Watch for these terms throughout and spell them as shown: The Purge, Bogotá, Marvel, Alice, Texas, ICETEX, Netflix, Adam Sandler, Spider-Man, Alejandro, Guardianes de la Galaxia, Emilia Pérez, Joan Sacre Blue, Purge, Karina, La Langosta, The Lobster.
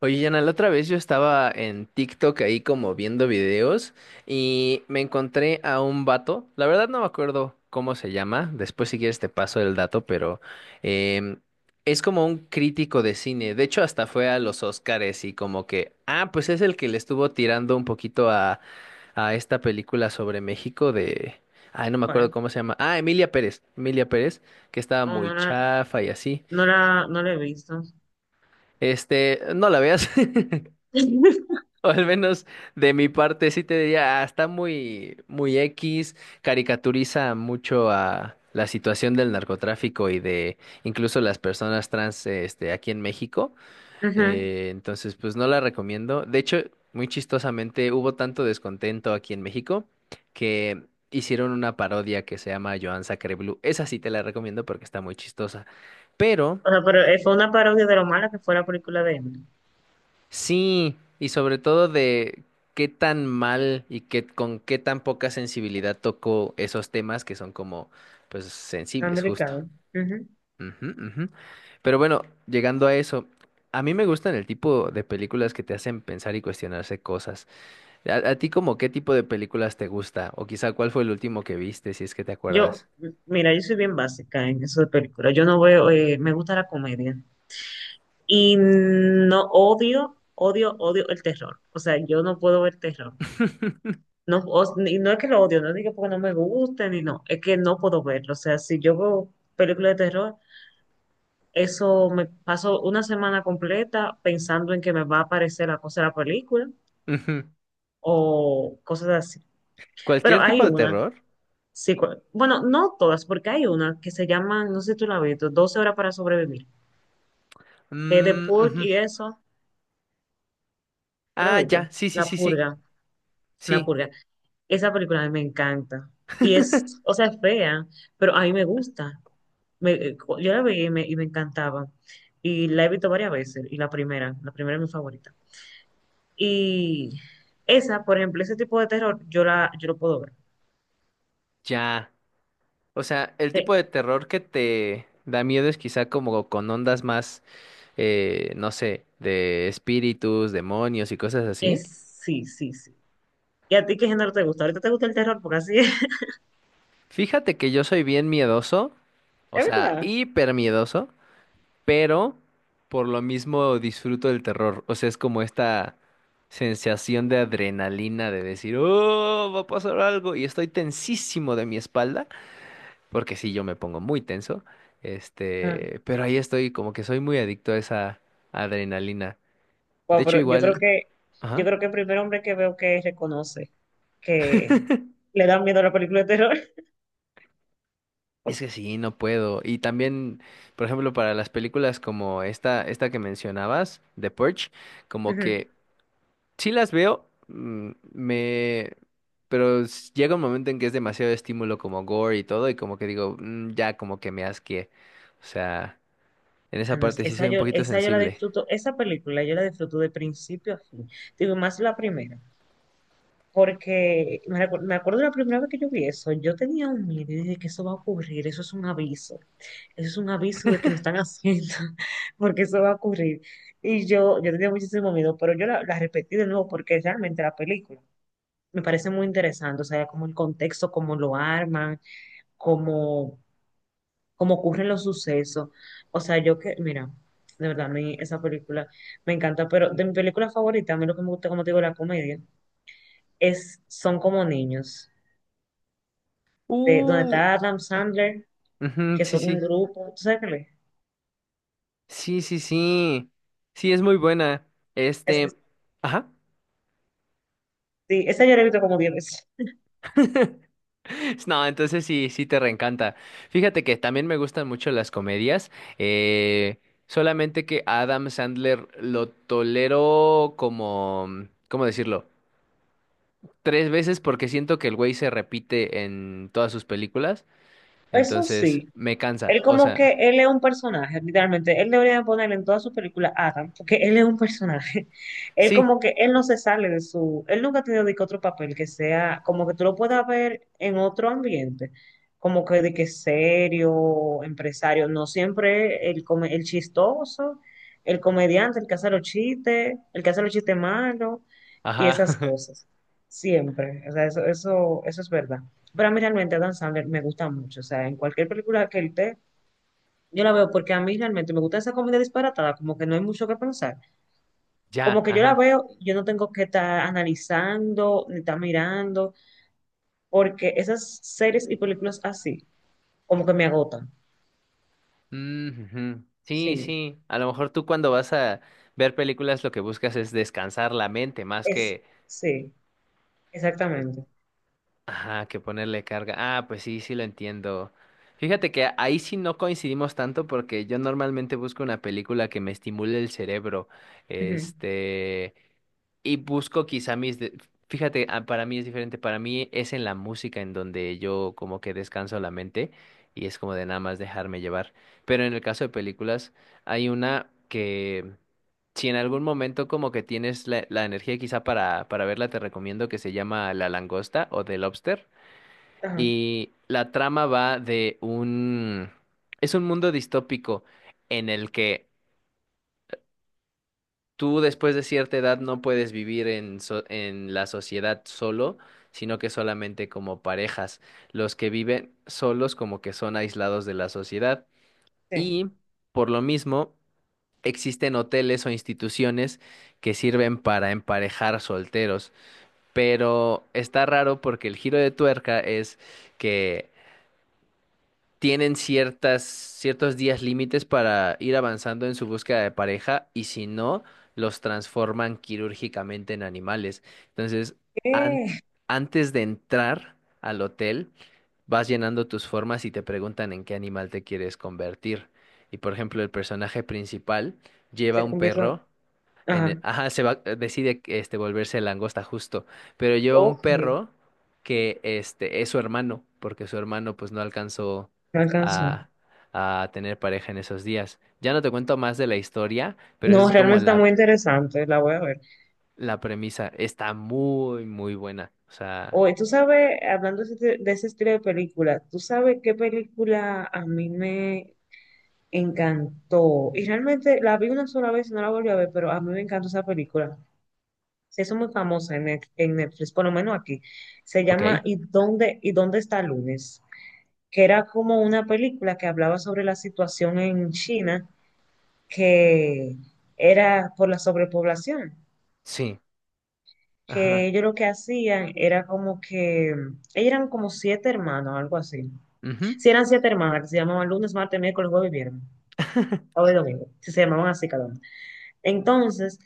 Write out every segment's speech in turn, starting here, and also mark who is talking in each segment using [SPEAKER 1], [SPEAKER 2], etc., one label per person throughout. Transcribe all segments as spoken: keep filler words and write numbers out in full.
[SPEAKER 1] Oye, Yana, la otra vez yo estaba en TikTok ahí como viendo videos y me encontré a un vato. La verdad no me acuerdo cómo se llama. Después si quieres te paso el dato, pero em, es como un crítico de cine. De hecho, hasta fue a los Oscars y como que, ah, pues es el que le estuvo tirando un poquito a, a esta película sobre México de... Ay, no me acuerdo
[SPEAKER 2] ¿Cuál?
[SPEAKER 1] cómo se llama. Ah, Emilia Pérez. Emilia Pérez, que estaba
[SPEAKER 2] Oh,
[SPEAKER 1] muy
[SPEAKER 2] no la,
[SPEAKER 1] chafa y así.
[SPEAKER 2] no la, no la he visto.
[SPEAKER 1] Este, no la veas. O al menos de mi parte sí te diría, "Ah, está muy, muy X, caricaturiza mucho a la situación del narcotráfico y de incluso las personas trans, este, aquí en México.
[SPEAKER 2] Ujú.
[SPEAKER 1] Eh, entonces, pues no la recomiendo. De hecho, muy chistosamente, hubo tanto descontento aquí en México que hicieron una parodia que se llama Joan Sacre Blue. Esa sí te la recomiendo porque está muy chistosa. Pero
[SPEAKER 2] O sea, pero eh, fue una parodia de lo mala que fue la película de Emily.
[SPEAKER 1] sí, y sobre todo de qué tan mal y qué, con qué tan poca sensibilidad tocó esos temas que son como, pues, sensibles, justo.
[SPEAKER 2] Americana. Ujú.
[SPEAKER 1] Ujú, ujú. Pero bueno, llegando a eso, a mí me gustan el tipo de películas que te hacen pensar y cuestionarse cosas. ¿A, a ti como qué tipo de películas te gusta? O quizá cuál fue el último que viste, si es que te
[SPEAKER 2] Yo,
[SPEAKER 1] acuerdas.
[SPEAKER 2] mira, yo soy bien básica en eso de películas. Yo no veo, eh, me gusta la comedia. Y no odio, odio, odio el terror. O sea, yo no puedo ver terror. No, o- y no es que lo odio, no digo porque no me guste, ni no, es que no puedo verlo. O sea, si yo veo películas de terror, eso me paso una semana completa pensando en que me va a aparecer la cosa de la película
[SPEAKER 1] Ujú.
[SPEAKER 2] o cosas así. Pero
[SPEAKER 1] ¿Cualquier
[SPEAKER 2] hay
[SPEAKER 1] tipo de
[SPEAKER 2] una,
[SPEAKER 1] terror?
[SPEAKER 2] sí, cu- bueno, no todas, porque hay una que se llama, no sé si tú la has visto, doce horas para sobrevivir, que es de
[SPEAKER 1] Mm,
[SPEAKER 2] Purge
[SPEAKER 1] ujú.
[SPEAKER 2] y eso, ¿tú la has
[SPEAKER 1] Ah,
[SPEAKER 2] visto?
[SPEAKER 1] ya, sí, sí,
[SPEAKER 2] La
[SPEAKER 1] sí, sí,
[SPEAKER 2] purga, la
[SPEAKER 1] sí.
[SPEAKER 2] purga. Esa película a mí me encanta. Y es, o sea, es fea, pero a mí me gusta. Me- yo la vi y me, y me encantaba. Y la he visto varias veces. Y la primera, la primera es mi favorita. Y esa, por ejemplo, ese tipo de terror, yo la, yo lo puedo ver.
[SPEAKER 1] Ya. O sea, el
[SPEAKER 2] Eh,
[SPEAKER 1] tipo de terror que te da miedo es quizá como con ondas más, eh, no sé, de espíritus, demonios y cosas así.
[SPEAKER 2] Es, sí, sí, sí. ¿Y a ti qué género te gusta? Ahorita te gusta el terror porque así es.
[SPEAKER 1] Fíjate que yo soy bien miedoso, o
[SPEAKER 2] Es
[SPEAKER 1] sea,
[SPEAKER 2] verdad.
[SPEAKER 1] hiper miedoso, pero por lo mismo disfruto del terror. O sea, es como esta sensación de adrenalina de decir, oh, va a pasar algo y estoy tensísimo de mi espalda. Porque sí, yo me pongo muy tenso,
[SPEAKER 2] Ah,
[SPEAKER 1] este, pero ahí estoy, como que soy muy adicto a esa adrenalina. De
[SPEAKER 2] wow,
[SPEAKER 1] hecho,
[SPEAKER 2] pero yo creo
[SPEAKER 1] igual,
[SPEAKER 2] que, yo
[SPEAKER 1] ajá,
[SPEAKER 2] creo que el primer hombre que veo que reconoce que le da miedo a la película de terror.
[SPEAKER 1] es que sí, no puedo. Y también, por ejemplo, para las películas como esta, esta que mencionabas, The Purge, como
[SPEAKER 2] Ujú.
[SPEAKER 1] que sí las veo, mm, me... Pero s- llega un momento en que es demasiado estímulo como gore y todo, y como que digo, "Mm, ya como que me asqué. O sea, en
[SPEAKER 2] Ah,
[SPEAKER 1] esa
[SPEAKER 2] no, es-
[SPEAKER 1] parte sí
[SPEAKER 2] esa
[SPEAKER 1] soy un
[SPEAKER 2] yo,
[SPEAKER 1] poquito
[SPEAKER 2] esa yo la
[SPEAKER 1] sensible.
[SPEAKER 2] disfruto, esa película yo la disfruto de principio a fin. Digo, más la primera. Porque me, recu- me acuerdo la primera vez que yo vi eso, yo tenía un miedo y dije que eso va a ocurrir, eso es un aviso, eso es un aviso de que nos están haciendo, porque eso va a ocurrir. Y yo, yo tenía muchísimo miedo, pero yo la, la repetí de nuevo porque realmente la película me parece muy interesante, o sea, como el contexto, cómo lo arman, cómo, cómo ocurren los sucesos. O sea, yo que, mira, de verdad, a mí esa película me encanta, pero de mi película favorita, a mí lo que me gusta, como te digo, la comedia, es, son como niños, de- donde
[SPEAKER 1] Uh,
[SPEAKER 2] está Adam Sandler,
[SPEAKER 1] Ujú,
[SPEAKER 2] que
[SPEAKER 1] sí,
[SPEAKER 2] son un
[SPEAKER 1] sí.
[SPEAKER 2] grupo, ¿tú sabes qué?
[SPEAKER 1] Sí, sí, sí. Sí, es muy buena.
[SPEAKER 2] es? Es-
[SPEAKER 1] Este,
[SPEAKER 2] es-
[SPEAKER 1] ajá.
[SPEAKER 2] sí, esa yo la he visto como diez veces.
[SPEAKER 1] No, entonces sí, sí te reencanta. Fíjate que también me gustan mucho las comedias. eh, Solamente que Adam Sandler lo tolero como, mm, ¿cómo decirlo? Tres veces porque siento que el güey se repite en todas sus películas.
[SPEAKER 2] Eso
[SPEAKER 1] Entonces
[SPEAKER 2] sí,
[SPEAKER 1] me cansa.
[SPEAKER 2] él
[SPEAKER 1] O
[SPEAKER 2] como que,
[SPEAKER 1] sea,
[SPEAKER 2] él es un personaje, literalmente. Él debería ponerle en todas sus películas Adam, porque él es un personaje. Él
[SPEAKER 1] sí,
[SPEAKER 2] como que, él no se sale de su, él nunca ha tenido de que otro papel que sea, como que tú lo puedas ver en otro ambiente, como que de que serio, empresario, no siempre el, come- el chistoso, el comediante, el que hace los chistes, el que hace los chistes malos y
[SPEAKER 1] ajá.
[SPEAKER 2] esas cosas. Siempre, o sea, eso, eso, eso es verdad. Pero a mí realmente Adam Sandler me gusta mucho, o sea, en cualquier película que él esté, yo la veo porque a mí realmente me gusta esa comida disparatada, como que no hay mucho que pensar. Como
[SPEAKER 1] Ya,
[SPEAKER 2] que yo la
[SPEAKER 1] ajá.
[SPEAKER 2] veo, yo no tengo que estar analizando, ni estar mirando, porque esas series y películas así, como que me agotan.
[SPEAKER 1] Mm, ujú. Sí,
[SPEAKER 2] Sí,
[SPEAKER 1] sí. A lo mejor tú cuando vas a ver películas lo que buscas es descansar la mente más
[SPEAKER 2] es,
[SPEAKER 1] que,
[SPEAKER 2] sí,
[SPEAKER 1] eh,
[SPEAKER 2] exactamente.
[SPEAKER 1] ajá, que ponerle carga. Ah, pues sí, sí lo entiendo. Fíjate que ahí sí no coincidimos tanto porque yo normalmente busco una película que me estimule el cerebro.
[SPEAKER 2] Ujú.
[SPEAKER 1] Este, y busco quizá mis... de- Fíjate, ah, para mí es diferente, para mí es en la música en donde yo como que descanso la mente y es como de nada más dejarme llevar. Pero en el caso de películas, hay una que si en algún momento como que tienes la, la energía quizá para, para verla, te recomiendo que se llama La Langosta o The Lobster.
[SPEAKER 2] Ajá,
[SPEAKER 1] Y la trama va de un... Es un mundo distópico en el que... tú después de cierta edad no puedes vivir en, so- en la sociedad solo, sino que solamente como parejas. Los que viven solos como que son aislados de la sociedad. Y
[SPEAKER 2] sí.
[SPEAKER 1] por lo mismo, existen hoteles o instituciones que sirven para emparejar solteros. Pero está raro porque el giro de tuerca es que tienen ciertas, ciertos días límites para ir avanzando en su búsqueda de pareja y si no, los transforman quirúrgicamente en animales. Entonces, an-
[SPEAKER 2] Eh,
[SPEAKER 1] antes de entrar al hotel, vas llenando tus formas y te preguntan en qué animal te quieres convertir. Y por ejemplo, el personaje principal lleva
[SPEAKER 2] Se
[SPEAKER 1] un
[SPEAKER 2] convirtió.
[SPEAKER 1] perro en e-
[SPEAKER 2] Ajá,
[SPEAKER 1] ajá, se va, decide este, volverse langosta justo, pero lleva un
[SPEAKER 2] ok, me
[SPEAKER 1] perro que este, es su hermano, porque su hermano pues no alcanzó
[SPEAKER 2] alcanzó.
[SPEAKER 1] a, a tener pareja en esos días. Ya no te cuento más de la historia, pero esa
[SPEAKER 2] No,
[SPEAKER 1] es como
[SPEAKER 2] realmente está
[SPEAKER 1] la,
[SPEAKER 2] muy interesante, la voy a ver.
[SPEAKER 1] la premisa. Está muy, muy buena. O sea,
[SPEAKER 2] Oye, tú sabes, hablando de ese, de ese estilo de película, ¿tú sabes qué película a mí me encantó? Y realmente la vi una sola vez y no la volví a ver, pero a mí me encantó esa película. Se hizo muy famosa en, Net- en Netflix, por lo menos aquí. Se
[SPEAKER 1] ok,
[SPEAKER 2] llama ¿Y dónde, y dónde está lunes? Que era como una película que hablaba sobre la situación en China, que era por la sobrepoblación.
[SPEAKER 1] sí,
[SPEAKER 2] Que
[SPEAKER 1] ajá.
[SPEAKER 2] ellos lo que hacían era como que, ellos eran como siete hermanos, algo así.
[SPEAKER 1] Ujú.
[SPEAKER 2] Si eran siete hermanas, que se llamaban lunes, martes, miércoles, jueves y viernes, o domingo, si se llamaban así cada uno. Entonces,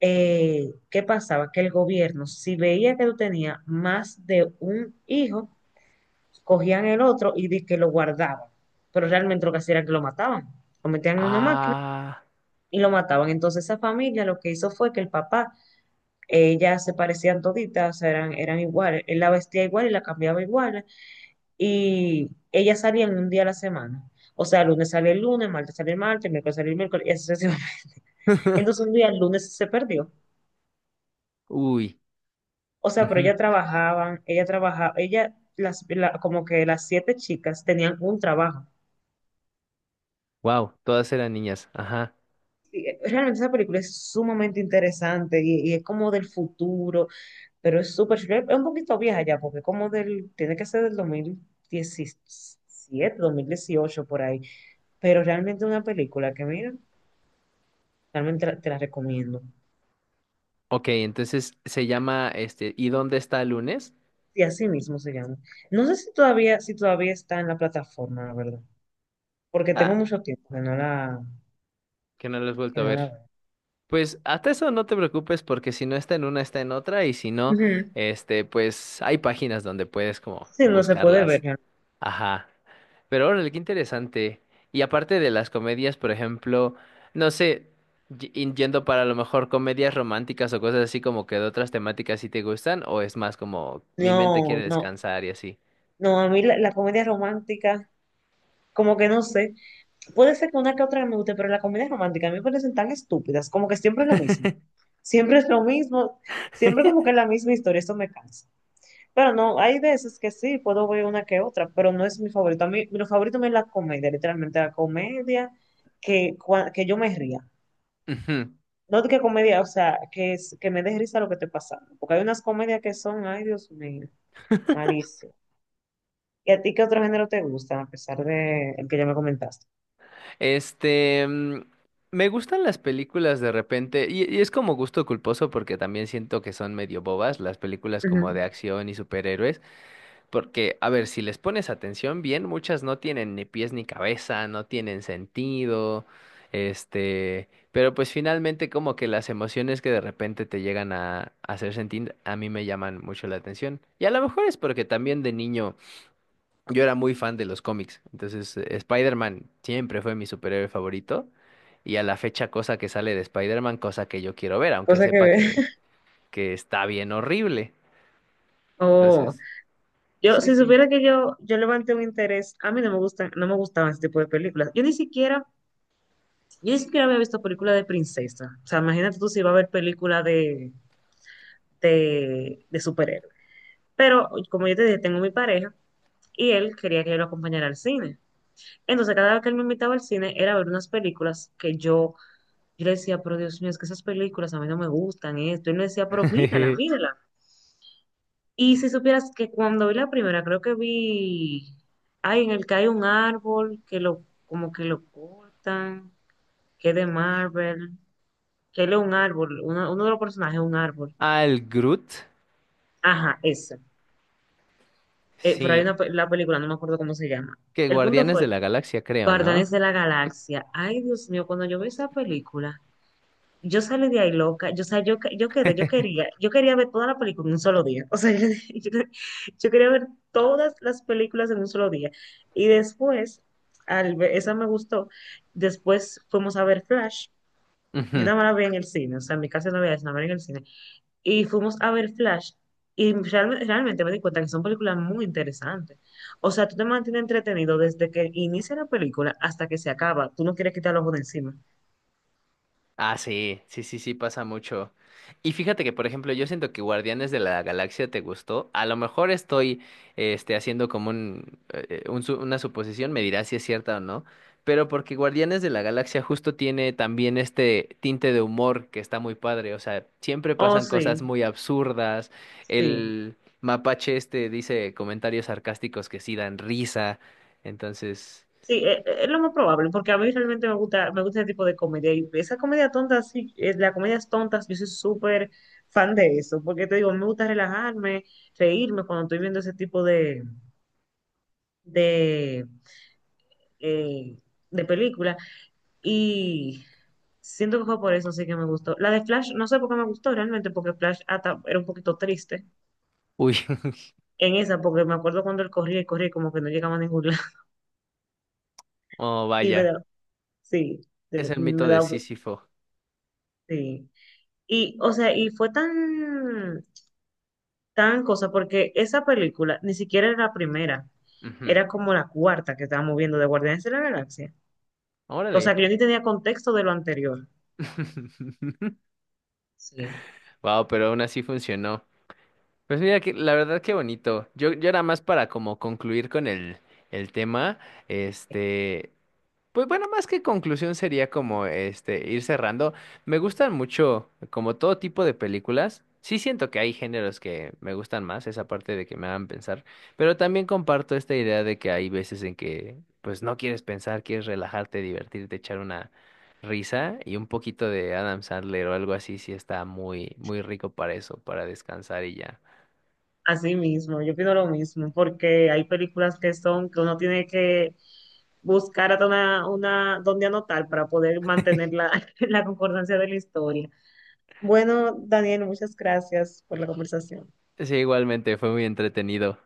[SPEAKER 2] eh, ¿qué pasaba? Que el gobierno, si veía que tú tenías más de un hijo, cogían el otro y di que lo guardaban. Pero realmente lo que hacía era que lo mataban. Lo metían en una máquina
[SPEAKER 1] Ah,
[SPEAKER 2] y lo mataban. Entonces esa familia lo que hizo fue que el papá, ellas se parecían toditas, o sea, eran, eran iguales. Él la vestía igual y la cambiaba igual. Y ellas salían un día a la semana. O sea, el lunes salía el lunes, martes salía el martes, miércoles salía el miércoles, y así sucesivamente. Entonces un día el lunes se perdió.
[SPEAKER 1] uy,
[SPEAKER 2] O sea, pero ella trabajaban, ella trabajaba, ella, las, la- como que las siete chicas tenían un trabajo.
[SPEAKER 1] wow, todas eran niñas, ajá.
[SPEAKER 2] Y, eh, realmente esa película es sumamente interesante y, y es como del futuro, pero es súper chula. Es un poquito vieja ya, porque como del, tiene que ser del dos mil diecisiete, dos mil dieciocho, por ahí. Pero realmente una película que, mira, realmente la- te la recomiendo.
[SPEAKER 1] Ok, entonces se llama este, ¿y dónde está el lunes?
[SPEAKER 2] Y así mismo se llama. No sé si todavía, si todavía está en la plataforma, la verdad, porque tengo
[SPEAKER 1] Ah,
[SPEAKER 2] mucho tiempo que no la,
[SPEAKER 1] que no lo has vuelto
[SPEAKER 2] que
[SPEAKER 1] a
[SPEAKER 2] no la
[SPEAKER 1] ver.
[SPEAKER 2] veo.
[SPEAKER 1] Pues hasta eso no te preocupes porque si no está en una, está en otra y si no,
[SPEAKER 2] Ujú.
[SPEAKER 1] este, pues hay páginas donde puedes como
[SPEAKER 2] Sí, no se puede
[SPEAKER 1] buscarlas.
[SPEAKER 2] ver.
[SPEAKER 1] Ajá. Pero órale, qué interesante. Y aparte de las comedias, por ejemplo, no sé, y- y yendo para a lo mejor comedias románticas o cosas así como que de otras temáticas si te gustan o es más como mi mente
[SPEAKER 2] ¿No?
[SPEAKER 1] quiere
[SPEAKER 2] No, no,
[SPEAKER 1] descansar y así.
[SPEAKER 2] no, a mí la, la comedia romántica, como que no sé, puede ser que una que otra me guste, pero la comedia romántica a mí me parecen tan estúpidas, como que siempre es lo mismo, siempre es lo mismo, siempre como que es la misma historia, eso me cansa. Pero no, hay veces que sí, puedo ver una que otra, pero no es mi favorito. A mí, mi favorito es la comedia, literalmente la comedia que, cua- que yo me ría.
[SPEAKER 1] Ujú.
[SPEAKER 2] No que comedia, o sea, que, es- que me dé risa lo que esté pasando, porque hay unas comedias que son, ay Dios mío, malísimas. ¿Y a ti qué otro género te gusta, a pesar de el que ya me comentaste?
[SPEAKER 1] Este, mm, me gustan las películas de repente, y, y es como gusto culposo porque también siento que son medio bobas las películas como
[SPEAKER 2] Ujú.
[SPEAKER 1] de acción y superhéroes, porque, a ver, si les pones atención bien, muchas no tienen ni pies ni cabeza, no tienen sentido, este, pero pues finalmente como que las emociones que de repente te llegan a, a hacer sentir, a mí me llaman mucho la atención. Y a lo mejor es porque también de niño yo era muy fan de los cómics, entonces eh, Spider-Man siempre fue mi superhéroe favorito y a la fecha cosa que sale de Spider-Man, cosa que yo quiero ver, aunque
[SPEAKER 2] Cosa que
[SPEAKER 1] sepa
[SPEAKER 2] ver.
[SPEAKER 1] que, que está bien horrible.
[SPEAKER 2] Oh,
[SPEAKER 1] Entonces,
[SPEAKER 2] yo,
[SPEAKER 1] sí,
[SPEAKER 2] si
[SPEAKER 1] sí.
[SPEAKER 2] supiera que yo, yo levanté un interés, a mí no me gustan, no me gustaban ese tipo de películas. Yo ni siquiera, yo ni siquiera había visto películas de princesa. O sea, imagínate tú si iba a ver películas de, de, de superhéroes. Pero, como yo te dije, tengo mi pareja y él quería que yo lo acompañara al cine. Entonces, cada vez que él me invitaba al cine era a ver unas películas que yo... Y yo le decía, pero Dios mío, es que esas películas a mí no me gustan, esto. Y él me decía, pero mírala, mírala. Y si supieras que cuando vi la primera, creo que vi, ay, en el que hay un árbol, que lo, como que lo cortan, que es de Marvel, que él es un árbol, uno, uno de los personajes es un árbol.
[SPEAKER 1] Al Groot,
[SPEAKER 2] Ajá, esa. Eh, pero hay
[SPEAKER 1] sí,
[SPEAKER 2] una, pe- la película, no me acuerdo cómo se llama.
[SPEAKER 1] que
[SPEAKER 2] El punto
[SPEAKER 1] Guardianes de
[SPEAKER 2] fue,
[SPEAKER 1] la Galaxia creo, ¿no?
[SPEAKER 2] Guardianes de la Galaxia. Ay, Dios mío, cuando yo vi esa película, yo salí de ahí loca, yo, o sea, yo, que- yo quedé, yo quería, yo quería ver toda la película en un solo día, o sea, yo, yo- yo quería ver todas las películas en un solo día. Y después, al ver- esa me gustó, después fuimos a ver Flash, yo
[SPEAKER 1] Ujú.
[SPEAKER 2] nada más la vi en el cine, o sea, en mi casa no había eso, nada más era en el cine, y fuimos a ver Flash, y realme- realmente me di cuenta que son películas muy interesantes. O sea, tú te mantienes entretenido desde que inicia la película hasta que se acaba, tú no quieres quitar los ojos de encima.
[SPEAKER 1] Ah, sí, sí, sí, sí, pasa mucho. Y fíjate que, por ejemplo, yo siento que Guardianes de la Galaxia te gustó. A lo mejor estoy, este, haciendo como un, eh, un su- una suposición, me dirás si es cierta o no. Pero porque Guardianes de la Galaxia justo tiene también este tinte de humor que está muy padre. O sea, siempre
[SPEAKER 2] Oh,
[SPEAKER 1] pasan cosas
[SPEAKER 2] sí,
[SPEAKER 1] muy absurdas.
[SPEAKER 2] sí.
[SPEAKER 1] El mapache este dice comentarios sarcásticos que sí dan risa. Entonces,
[SPEAKER 2] Sí, e- e- es lo más probable, porque a mí realmente me gusta, me gusta ese tipo de comedia. Y esa comedia tonta, sí, eh, las comedias tontas, yo soy súper fan de eso, porque te digo, me gusta relajarme, reírme cuando estoy viendo ese tipo de, de, eh, de película. Y siento que fue por eso sí que me gustó. La de Flash, no sé por qué me gustó realmente, porque Flash hasta era un poquito triste
[SPEAKER 1] uy,
[SPEAKER 2] en esa, porque me acuerdo cuando él corría y corría y como que no llegaba a ningún lado.
[SPEAKER 1] oh,
[SPEAKER 2] Y me
[SPEAKER 1] vaya,
[SPEAKER 2] da, sí,
[SPEAKER 1] es
[SPEAKER 2] de-
[SPEAKER 1] el mito
[SPEAKER 2] me
[SPEAKER 1] de
[SPEAKER 2] da,
[SPEAKER 1] Sísifo.
[SPEAKER 2] sí. Y, o sea, y fue tan, tan cosa, porque esa película ni siquiera era la primera,
[SPEAKER 1] Ujú.
[SPEAKER 2] era como la cuarta que estábamos viendo de Guardianes de la Galaxia. O sea,
[SPEAKER 1] Órale.
[SPEAKER 2] que yo ni tenía contexto de lo anterior. Sí.
[SPEAKER 1] Wow, pero aún así funcionó. Pues mira que la verdad qué bonito. Yo, yo era más para como concluir con el, el tema. Este, pues bueno, más que conclusión sería como este ir cerrando. Me gustan mucho como todo tipo de películas. Sí siento que hay géneros que me gustan más, esa parte de que me hagan pensar, pero también comparto esta idea de que hay veces en que pues no quieres pensar, quieres relajarte, divertirte, echar una risa y un poquito de Adam Sandler o algo así sí está muy muy rico para eso, para descansar y ya.
[SPEAKER 2] Así mismo, yo pido lo mismo, porque hay películas que son que uno tiene que buscar hasta una, una donde anotar para poder mantener la, la concordancia de la historia. Bueno, Daniel, muchas gracias por la conversación.
[SPEAKER 1] Sí, igualmente fue muy entretenido.